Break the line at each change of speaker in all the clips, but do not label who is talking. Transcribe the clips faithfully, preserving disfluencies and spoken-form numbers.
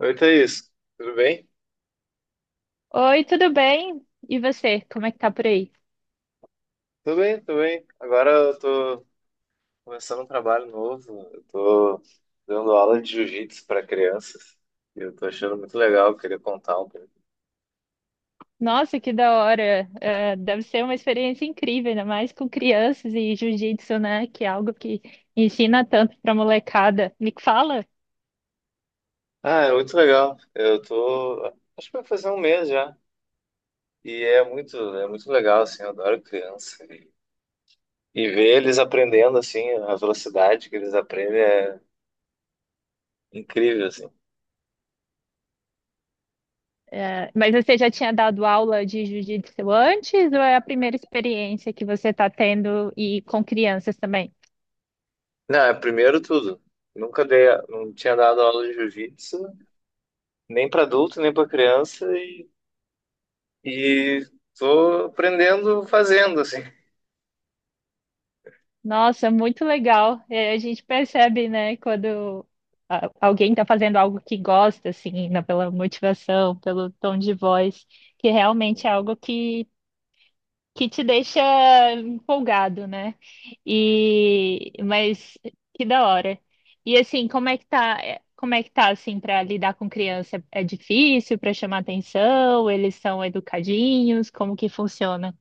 Oi, Thaís, tudo bem?
Oi, tudo bem? E você, como é que tá por aí?
Tudo bem, tudo bem. Agora eu tô começando um trabalho novo, eu tô dando aula de jiu-jitsu para crianças e eu tô achando muito legal, eu queria contar um pouco.
Nossa, que da hora! É, deve ser uma experiência incrível, ainda mais com crianças e jiu-jitsu, né? Que é algo que ensina tanto pra molecada. Me fala,
Ah, é muito legal, eu tô, acho que vai fazer um mês já e é muito, é muito legal, assim, eu adoro criança e, e ver eles aprendendo, assim, a velocidade que eles aprendem é incrível, assim.
é, mas você já tinha dado aula de jiu-jitsu antes ou é a primeira experiência que você tá tendo e com crianças também?
Não, é primeiro tudo. Nunca dei, não tinha dado aula de jiu-jitsu, nem para adulto, nem para criança, E Tô aprendendo fazendo, assim.
Nossa, muito legal. É, a gente percebe, né, quando a- alguém está fazendo algo que gosta, assim, né, pela motivação, pelo tom de voz, que realmente é algo que, que te deixa empolgado, né? E mas que da hora. E assim, como é que tá? é, Como é que tá assim para lidar com criança? É difícil para chamar atenção? Eles são educadinhos? Como que funciona?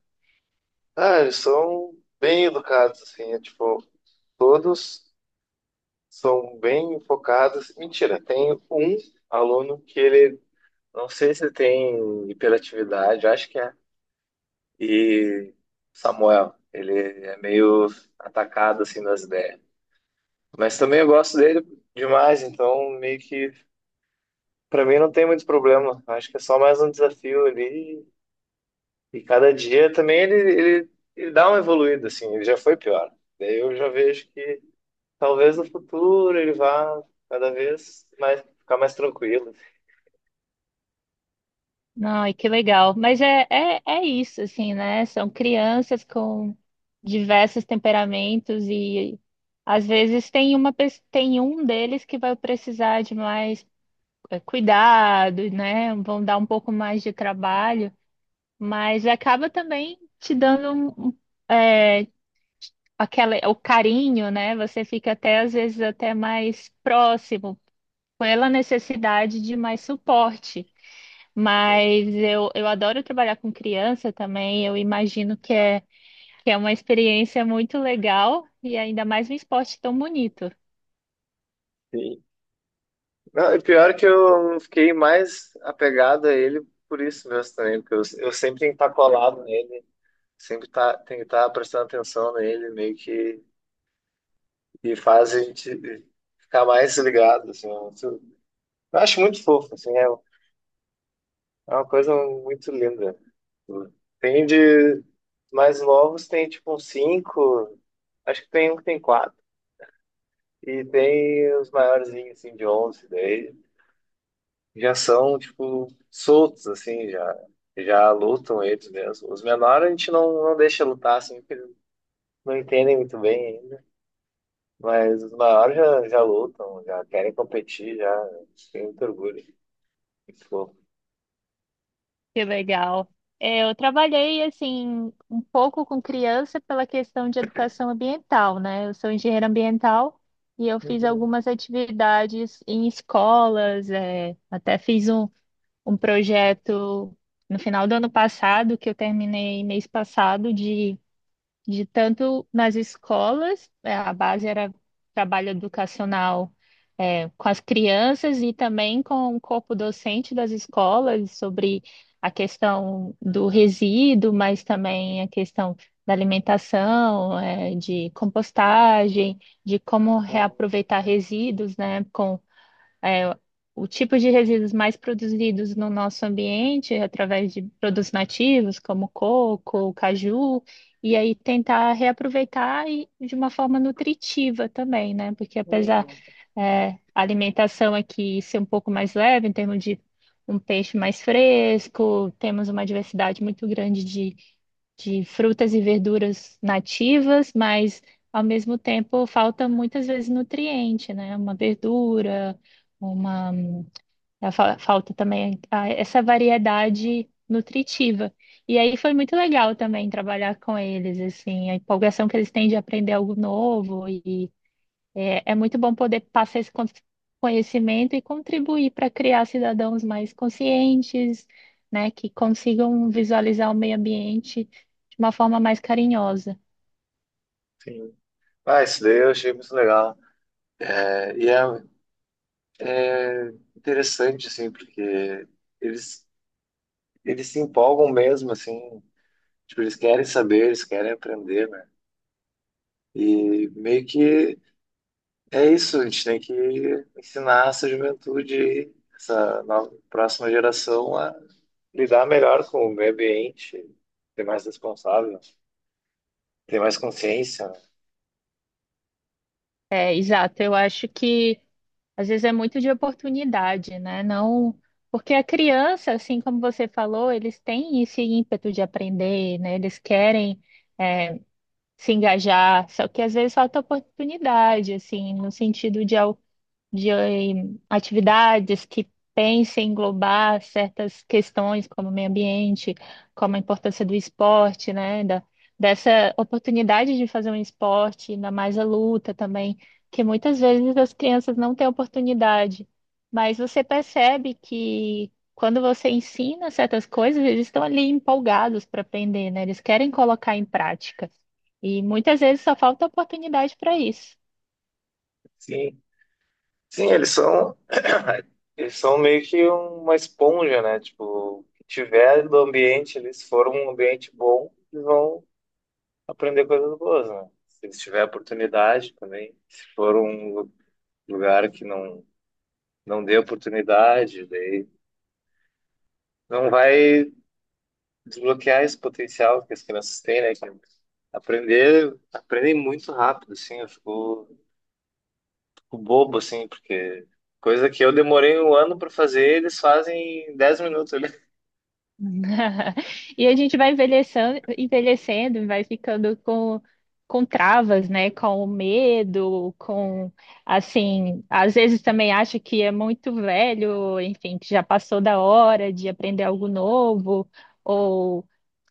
Ah, eles são bem educados, assim, é tipo, todos são bem focados. Mentira, tem um aluno que ele, não sei se tem hiperatividade, acho que é. E Samuel, ele é meio atacado, assim, das ideias. Mas também eu gosto dele demais, então meio que, pra mim não tem muito problema. Acho que é só mais um desafio ali E Cada dia também ele, ele, ele dá uma evoluída, assim, ele já foi pior. Daí eu já vejo que talvez no futuro ele vá cada vez mais ficar mais tranquilo.
Não, e que legal. Mas é, é, é isso, assim, né? São crianças com diversos temperamentos e às vezes tem uma, pes- tem um deles que vai precisar de mais eh, cuidado, né? Vão dar um pouco mais de trabalho, mas acaba também te dando um, um, eh, aquela, o carinho, né? Você fica até às vezes até mais próximo pela necessidade de mais suporte.
Uhum.
Mas eu, eu adoro trabalhar com criança também. Eu imagino que é, que é uma experiência muito legal e ainda mais um esporte tão bonito.
Sim. Não, e pior que eu fiquei mais apegado a ele por isso mesmo também, porque eu, eu sempre tenho que estar colado nele, sempre tá, tenho que estar prestando atenção nele, meio que e faz a gente ficar mais ligado, assim. Eu, eu acho muito fofo, assim, é, é uma coisa muito linda. Tem de mais novos, tem tipo uns cinco, acho que tem um que tem quatro E Tem os maiorzinhos, assim, de onze, daí já são, tipo, soltos, assim, já, já lutam eles mesmo Os menores a gente não, não deixa lutar, assim, porque eles não entendem muito bem ainda. Mas os maiores já, já lutam, já querem competir, já tem muito orgulho. Muito fofo.
Que legal. É, eu trabalhei assim um pouco com criança pela questão de educação ambiental, né? Eu sou engenheira ambiental e eu fiz algumas atividades em escolas, é, até fiz um, um projeto no final do ano passado que eu terminei mês passado de de tanto nas escolas. É, a base era trabalho educacional, é, com as crianças e também com o corpo docente das escolas sobre a questão do resíduo, mas também a questão da alimentação, é, de compostagem, de como
Uhum.
reaproveitar resíduos, né, com é, o tipo de resíduos mais produzidos no nosso ambiente, através de produtos nativos, como coco, caju, e aí tentar reaproveitar e de uma forma nutritiva também, né? Porque apesar,
Uhum.
é, a alimentação aqui ser um pouco mais leve, em termos de um peixe mais fresco, temos uma diversidade muito grande de frutas e verduras nativas, mas ao mesmo tempo falta muitas vezes nutriente, né? Uma verdura, uma eh, fa- falta também ah, essa variedade nutritiva. E aí foi muito legal também trabalhar com eles, assim. A empolgação que eles têm de aprender algo novo é, é muito bom. Poder passar esse con- conhecimento e contribuir para criar cidadãos mais conscientes, né, que consigam visualizar o meio ambiente de uma forma mais carinhosa.
Sim. Ah, isso daí eu achei muito legal. É, E é É interessante, assim, porque eles, eles se empolgam mesmo, assim, tipo, eles querem saber, eles querem aprender, né? E meio que é isso, a gente tem que ensinar essa juventude, essa nova, próxima geração a lidar melhor com o meio ambiente, ser mais responsável, ter mais consciência, né?
É, exato, eu acho que às vezes é muito de oportunidade, né? Não, porque a criança, assim como você falou, eles têm esse ímpeto de aprender, né? Eles querem é, se engajar, só que às vezes falta oportunidade, assim, no sentido de al- de eh, atividades que pensem em englobar certas questões como meio ambiente, como a importância do esporte, né, da, dessa oportunidade de fazer um esporte, ainda mais a luta também, que muitas vezes as crianças não têm oportunidade, mas você percebe que quando você ensina certas coisas, eles estão ali empolgados para aprender, né? Eles querem colocar em prática. E muitas vezes só falta oportunidade para isso.
Sim, sim, eles são, eles são, meio que uma esponja, né? Tipo, o que tiver do ambiente, eles foram um ambiente bom, eles vão aprender coisas boas, né? Se tiver oportunidade também. Se for um lu- lugar que não, não dê oportunidade, daí não vai desbloquear esse potencial que as crianças têm, né? Que aprender, aprendem muito rápido, assim. Eu fico, fico bobo, assim, porque coisa que eu demorei um ano para fazer, eles fazem em dez minutos ali.
E a gente vai envelhecendo, envelhecendo, vai ficando com, com travas, né? Com o medo, com, assim, às vezes também acha que é muito velho, enfim, que já passou da hora de aprender algo novo.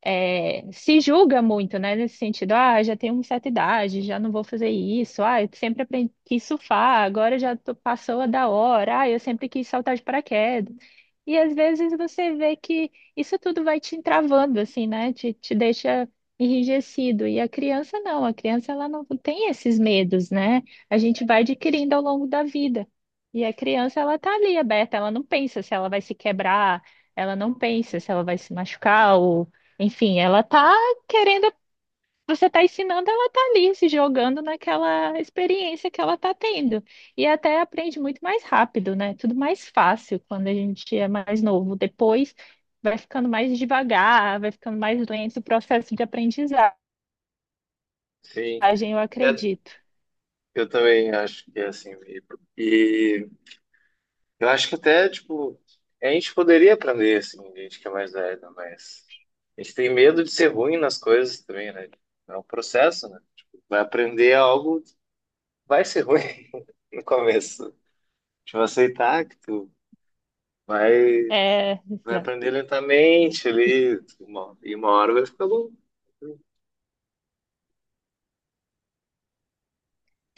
é, Se julga muito, né? Nesse sentido, ah, já tenho uma certa idade, já não vou fazer isso, ah, eu sempre aprendi, quis surfar, agora já tô- passou a da hora, ah, eu sempre quis saltar de paraquedas. E às vezes você vê que isso tudo vai te entravando, assim, né? Te, te deixa enrijecido. E a criança não, a criança ela não tem esses medos, né? A gente vai adquirindo ao longo da vida. E a criança ela tá ali aberta, ela não pensa se ela vai se quebrar, ela não pensa se ela vai se machucar. Enfim, ela tá querendo, você tá ensinando, ela tá ali se jogando naquela experiência que ela tá tendo. E até aprende muito mais rápido, né? Tudo mais fácil quando a gente é mais novo. Depois vai ficando mais devagar, vai ficando mais lento o processo de aprendizagem,
Sim,
eu
é,
acredito.
eu também acho que é assim. E, Eu acho que até, tipo, a gente poderia aprender, assim, gente que é mais velha, mas a gente tem medo de ser ruim nas coisas também, né? É um processo, né? Tipo, vai aprender algo, vai ser ruim no começo. Tipo, aceitar que tu vai,
É,
vai
exato.
aprender lentamente ali, uma- e uma hora vai ficar bom.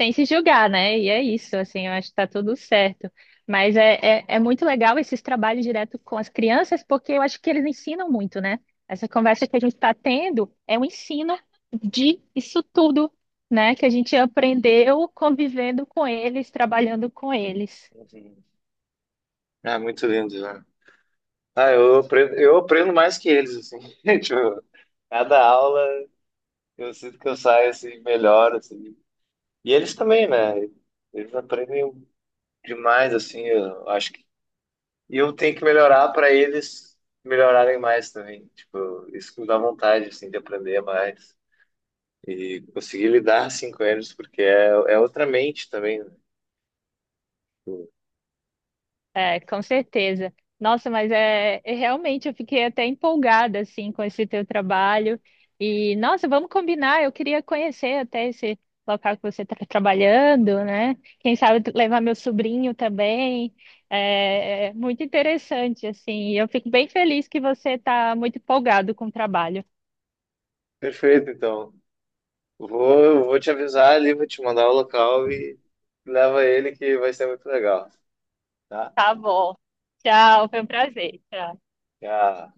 Sem se julgar, né? E é isso, assim, eu acho que tá tudo certo. Mas é, é, é muito legal esses trabalhos direto com as crianças, porque eu acho que eles ensinam muito, né? Essa conversa que a gente está tendo é um ensino de isso tudo, né? Que a gente aprendeu convivendo com eles, trabalhando com eles.
Uhum. Ah, muito lindo, né? Ah, eu aprendo, eu aprendo mais que eles, assim. Tipo, cada aula eu sinto que eu saio, assim, melhor, assim. E eles também, né? Eles aprendem demais, assim, eu acho que. E eu tenho que melhorar para eles melhorarem mais também. Tipo, isso que me dá vontade, assim, de aprender mais. E conseguir lidar, assim, com eles, porque é, é outra mente também, né? Tipo.
É, com certeza. Nossa, mas é, é realmente eu fiquei até empolgada assim com esse teu trabalho. E nossa, vamos combinar. Eu queria conhecer até esse local que você está trabalhando, né? Quem sabe tu- levar meu sobrinho também. É, é muito interessante assim. E eu fico bem feliz que você está muito empolgado com o trabalho.
Perfeito, então. Vou, eu vou te avisar ali, vou te mandar o local e leva ele que vai ser muito legal, tá?
Tá bom. Tchau, foi um prazer. Tchau.
Já.